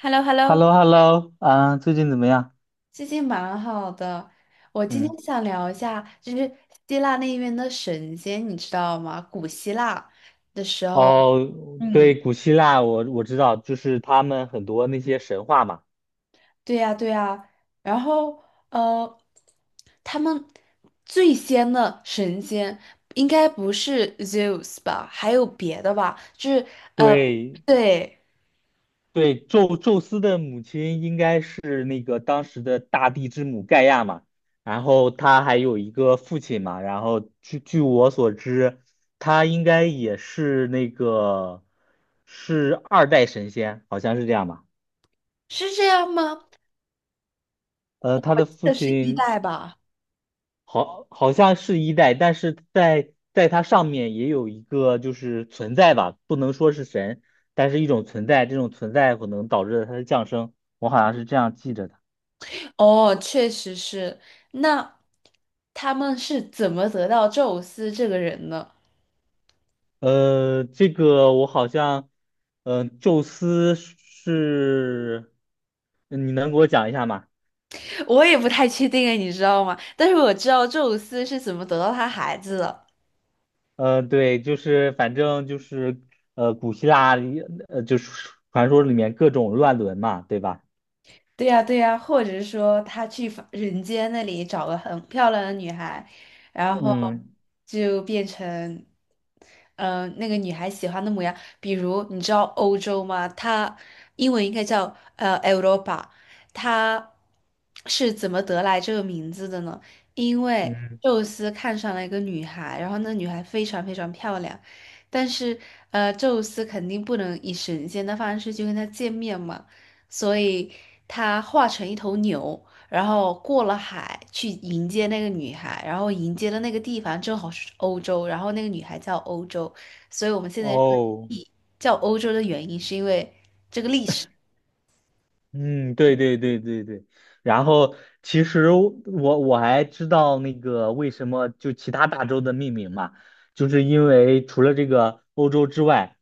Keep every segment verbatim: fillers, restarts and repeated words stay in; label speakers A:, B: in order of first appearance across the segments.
A: h e l l o h e l l
B: h
A: o
B: e l l o h e l l o 啊，最近怎么样？
A: 最近蛮好的。我今
B: 嗯。
A: 天想聊一下，就是希腊那边的神仙，你知道吗？古希腊的时候，
B: 哦，
A: 嗯，
B: 对，古希腊我我知道，就是他们很多那些神话嘛。
A: 对呀，对呀。然后，呃，他们最先的神仙应该不是 Zeus 吧？还有别的吧？就是，呃，
B: 对
A: 对，
B: 对，宙宙斯的母亲应该是那个当时的大地之母盖亚嘛，然后他还有一个父亲嘛，然后据据我所知，他应该也是那个是二代神仙，好像是这样吧。
A: 是这样吗？
B: 呃，他
A: 我
B: 的
A: 记
B: 父
A: 得是一
B: 亲
A: 代吧。
B: 好，好像是一代，但是在在它上面也有一个就是存在吧，不能说是神，但是一种存在，这种存在可能导致了它的降生，我好像是这样记着的。
A: 哦，确实是。那他们是怎么得到宙斯这个人呢？
B: 呃，这个我好像，呃，宙斯是，你能给我讲一下吗？
A: 我也不太确定诶，你知道吗？但是我知道宙斯是怎么得到他孩子的。
B: 呃，对，就是反正就是呃，古希腊里呃就是传说里面各种乱伦嘛，对吧？
A: 对呀，对呀，或者是说他去凡人间那里找个很漂亮的女孩，然后
B: 嗯
A: 就变成，呃，那个女孩喜欢的模样。比如你知道欧洲吗？它英文应该叫呃 Europa，它是怎么得来这个名字的呢？因为
B: 嗯。
A: 宙斯看上了一个女孩，然后那女孩非常非常漂亮，但是呃，宙斯肯定不能以神仙的方式去跟她见面嘛。所以他化成一头牛，然后过了海去迎接那个女孩，然后迎接的那个地方正好是欧洲，然后那个女孩叫欧洲，所以我们现在说
B: 哦。
A: 地叫欧洲的原因是因为这个历史。
B: 嗯，对对对对对，然后其实我我还知道那个为什么就其他大洲的命名嘛，就是因为除了这个欧洲之外，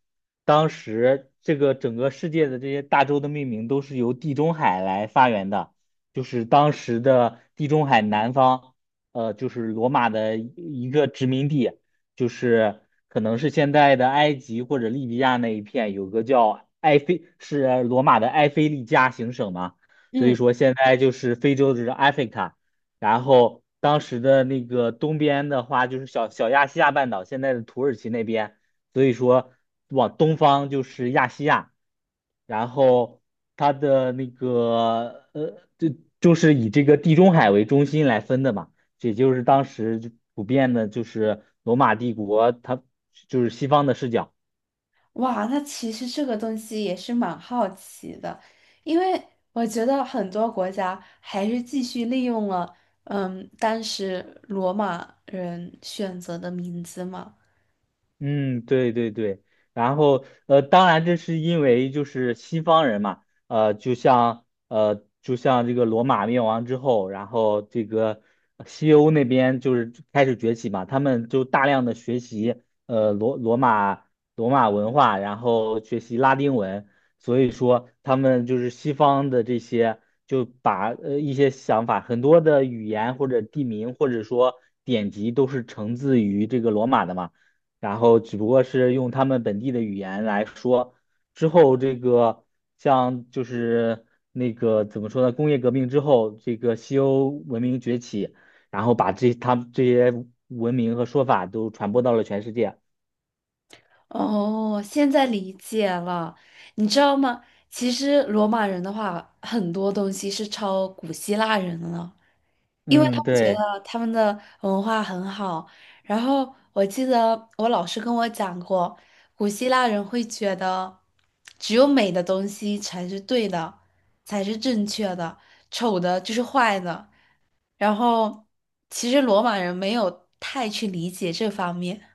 B: 当时这个整个世界的这些大洲的命名都是由地中海来发源的，就是当时的地中海南方，呃，就是罗马的一一个殖民地，就是可能是现在的埃及或者利比亚那一片，有个叫埃菲，是罗马的埃菲利加行省嘛，所以
A: 嗯，
B: 说现在就是非洲就是 Africa，然后当时的那个东边的话就是小小亚细亚半岛，现在的土耳其那边，所以说往东方就是亚细亚，然后它的那个呃，就就是以这个地中海为中心来分的嘛。也就是当时就普遍的，就是罗马帝国，它就是西方的视角。
A: 哇，那其实这个东西也是蛮好奇的，因为我觉得很多国家还是继续利用了，嗯，当时罗马人选择的名字嘛。
B: 嗯，对对对，然后呃，当然这是因为就是西方人嘛，呃，就像呃，就像这个罗马灭亡之后，然后这个西欧那边就是开始崛起嘛，他们就大量的学习呃罗罗马罗马文化，然后学习拉丁文，所以说他们就是西方的这些就把呃一些想法，很多的语言或者地名或者说典籍都是承自于这个罗马的嘛。然后只不过是用他们本地的语言来说。之后这个像就是那个怎么说呢？工业革命之后，这个西欧文明崛起，然后把这他们这些文明和说法都传播到了全世界。
A: 哦，现在理解了。你知道吗？其实罗马人的话，很多东西是抄古希腊人了，因为他
B: 嗯，
A: 们觉
B: 对。
A: 得他们的文化很好。然后我记得我老师跟我讲过，古希腊人会觉得只有美的东西才是对的，才是正确的，丑的就是坏的。然后其实罗马人没有太去理解这方面。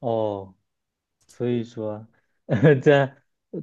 B: 哦。所以说，呃这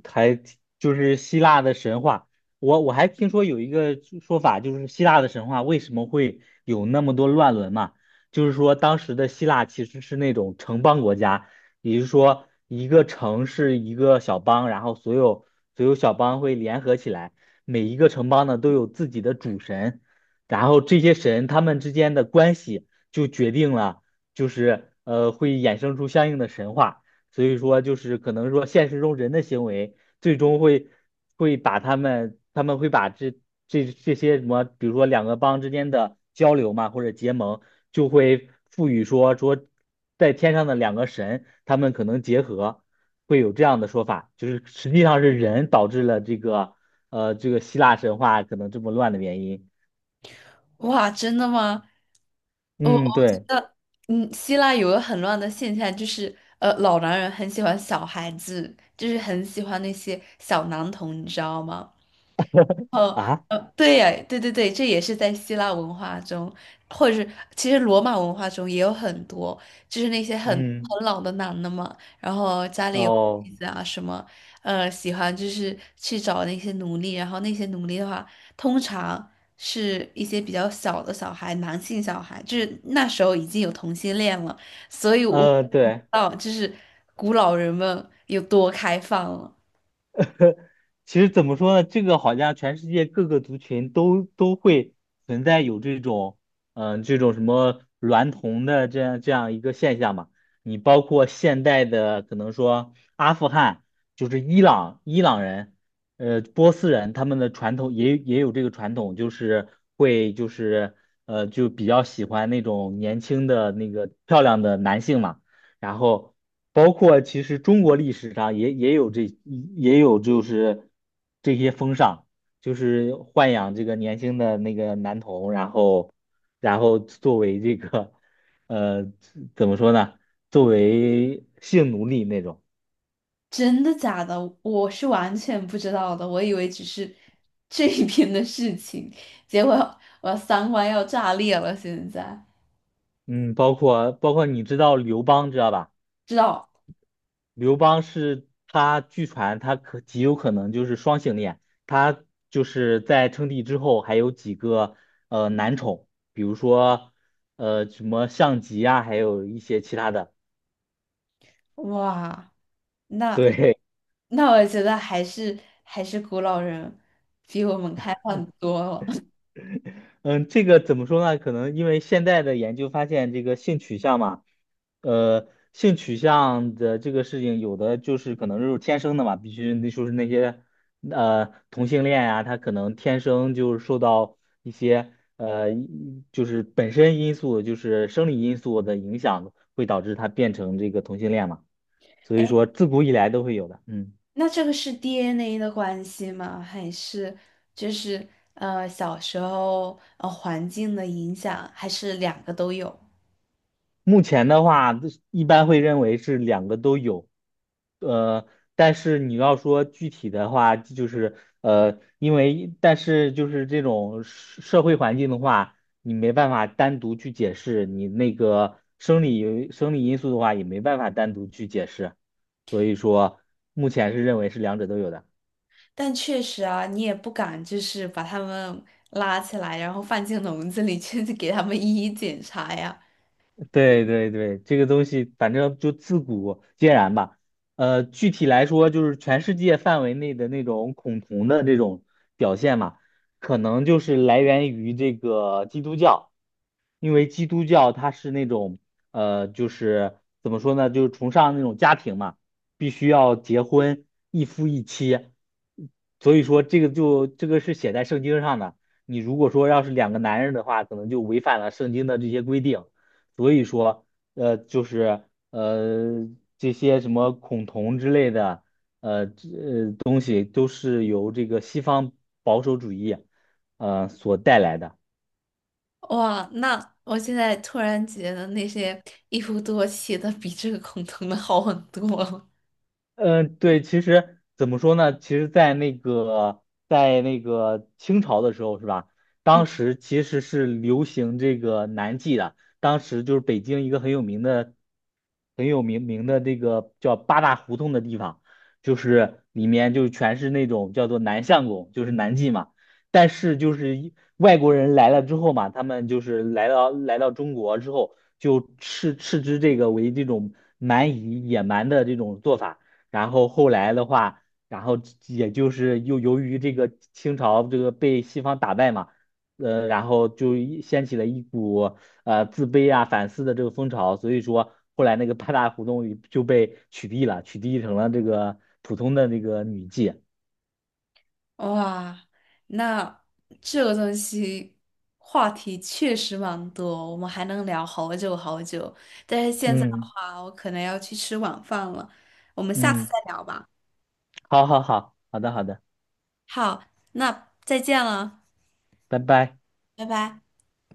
B: 还挺就是希腊的神话。我我还听说有一个说法，就是希腊的神话为什么会有那么多乱伦嘛？就是说当时的希腊其实是那种城邦国家，也就是说一个城是一个小邦，然后所有所有小邦会联合起来，每一个城邦呢都有自己的主神，然后这些神他们之间的关系就决定了，就是呃会衍生出相应的神话。所以说就是可能说现实中人的行为最终会会把他们他们会把这这这些什么，比如说两个帮之间的交流嘛，或者结盟，就会赋予说说在天上的两个神，他们可能结合，会有这样的说法，就是实际上是人导致了这个呃这个希腊神话可能这么乱的原因。
A: 哇，真的吗？我我
B: 嗯，
A: 觉
B: 对
A: 得，嗯，希腊有个很乱的现象，就是呃，老男人很喜欢小孩子，就是很喜欢那些小男童，你知道吗？
B: 啊，
A: 呃，对呀，对对对，这也是在希腊文化中，或者是其实罗马文化中也有很多，就是那些很
B: 嗯，
A: 很老的男的嘛，然后家里有
B: 哦，
A: 妻子啊什么，呃，喜欢就是去找那些奴隶，然后那些奴隶的话，通常是一些比较小的小孩，男性小孩，就是那时候已经有同性恋了，所以我
B: 呃，
A: 不知
B: 对。
A: 道就是古老人们有多开放了。
B: 其实怎么说呢？这个好像全世界各个族群都都会存在有这种，嗯、这种什么娈童的这样这样一个现象嘛。你包括现代的，可能说阿富汗，就是伊朗伊朗人，呃，波斯人，他们的传统也也有这个传统，就是会就是呃就比较喜欢那种年轻的那个漂亮的男性嘛。然后包括其实中国历史上也也有这也有就是这些风尚，就是豢养这个年轻的那个男童，然后然后作为这个呃怎么说呢，作为性奴隶那种。
A: 真的假的？我是完全不知道的，我以为只是 这一边的事情，结果我三观要炸裂了。现在
B: 嗯，包括包括你知道刘邦知道吧？
A: 知道，
B: 刘邦是他，据传他可极有可能就是双性恋，他就是在称帝之后还有几个呃男宠，比如说呃什么项籍啊，还有一些其他的。
A: 哇，那
B: 对，
A: 那我觉得还是还是古老人比我们开放多了。
B: 嗯，这个怎么说呢？可能因为现在的研究发现，这个性取向嘛，呃，性取向的这个事情，有的就是可能就是天生的嘛，必须那就是那些呃同性恋呀、他可能天生就是受到一些呃就是本身因素，就是生理因素的影响，会导致他变成这个同性恋嘛。所以
A: 哎，
B: 说，自古以来都会有的。嗯。
A: 那这个是 D N A 的关系吗？还是就是呃小时候呃环境的影响，还是两个都有？
B: 目前的话，一般会认为是两个都有，呃，但是你要说具体的话，就是呃，因为但是就是这种社社会环境的话，你没办法单独去解释，你那个生理生理因素的话，也没办法单独去解释，所以说目前是认为是两者都有的。
A: 但确实啊，你也不敢就是把他们拉起来，然后放进笼子里去 给他们一一检查呀。
B: 对对对，这个东西反正就自古皆然吧。呃，具体来说，就是全世界范围内的那种恐同的这种表现嘛，可能就是来源于这个基督教，因为基督教它是那种呃，就是怎么说呢，就是崇尚那种家庭嘛，必须要结婚，一夫一妻，所以说这个就这个是写在圣经上的。你如果说要是两个男人的话，可能就违反了圣经的这些规定。所以说，呃，就是呃这些什么孔同之类的，呃，这呃东西都是由这个西方保守主义，呃所带来的。
A: 哇，那我现在突然觉得那些一夫多妻的比这个恐同的好很多了。
B: 嗯，对，其实怎么说呢？其实，在那个在那个清朝的时候，是吧？
A: 嗯，
B: 当时其实是流行这个南记的，当时就是北京一个很有名的、很有名名的这个叫八大胡同的地方，就是里面就全是那种叫做南相公，就是南记嘛。但是就是一外国人来了之后嘛，他们就是来到来到中国之后，就斥斥之这个为这种蛮夷野蛮的这种做法。然后后来的话，然后也就是又由于这个清朝这个被西方打败嘛，呃，然后就一掀起了一股呃自卑啊、反思的这个风潮，所以说后来那个八大胡同就被取缔了，取缔成了这个普通的那个女妓。
A: 哇，那这个东西话题确实蛮多，我们还能聊好久好久。但是现在的
B: 嗯
A: 话，我可能要去吃晚饭了，我们下次
B: 嗯，
A: 再聊吧。
B: 好好好，好的好的，
A: 好，那再见了，
B: 拜拜。
A: 拜拜。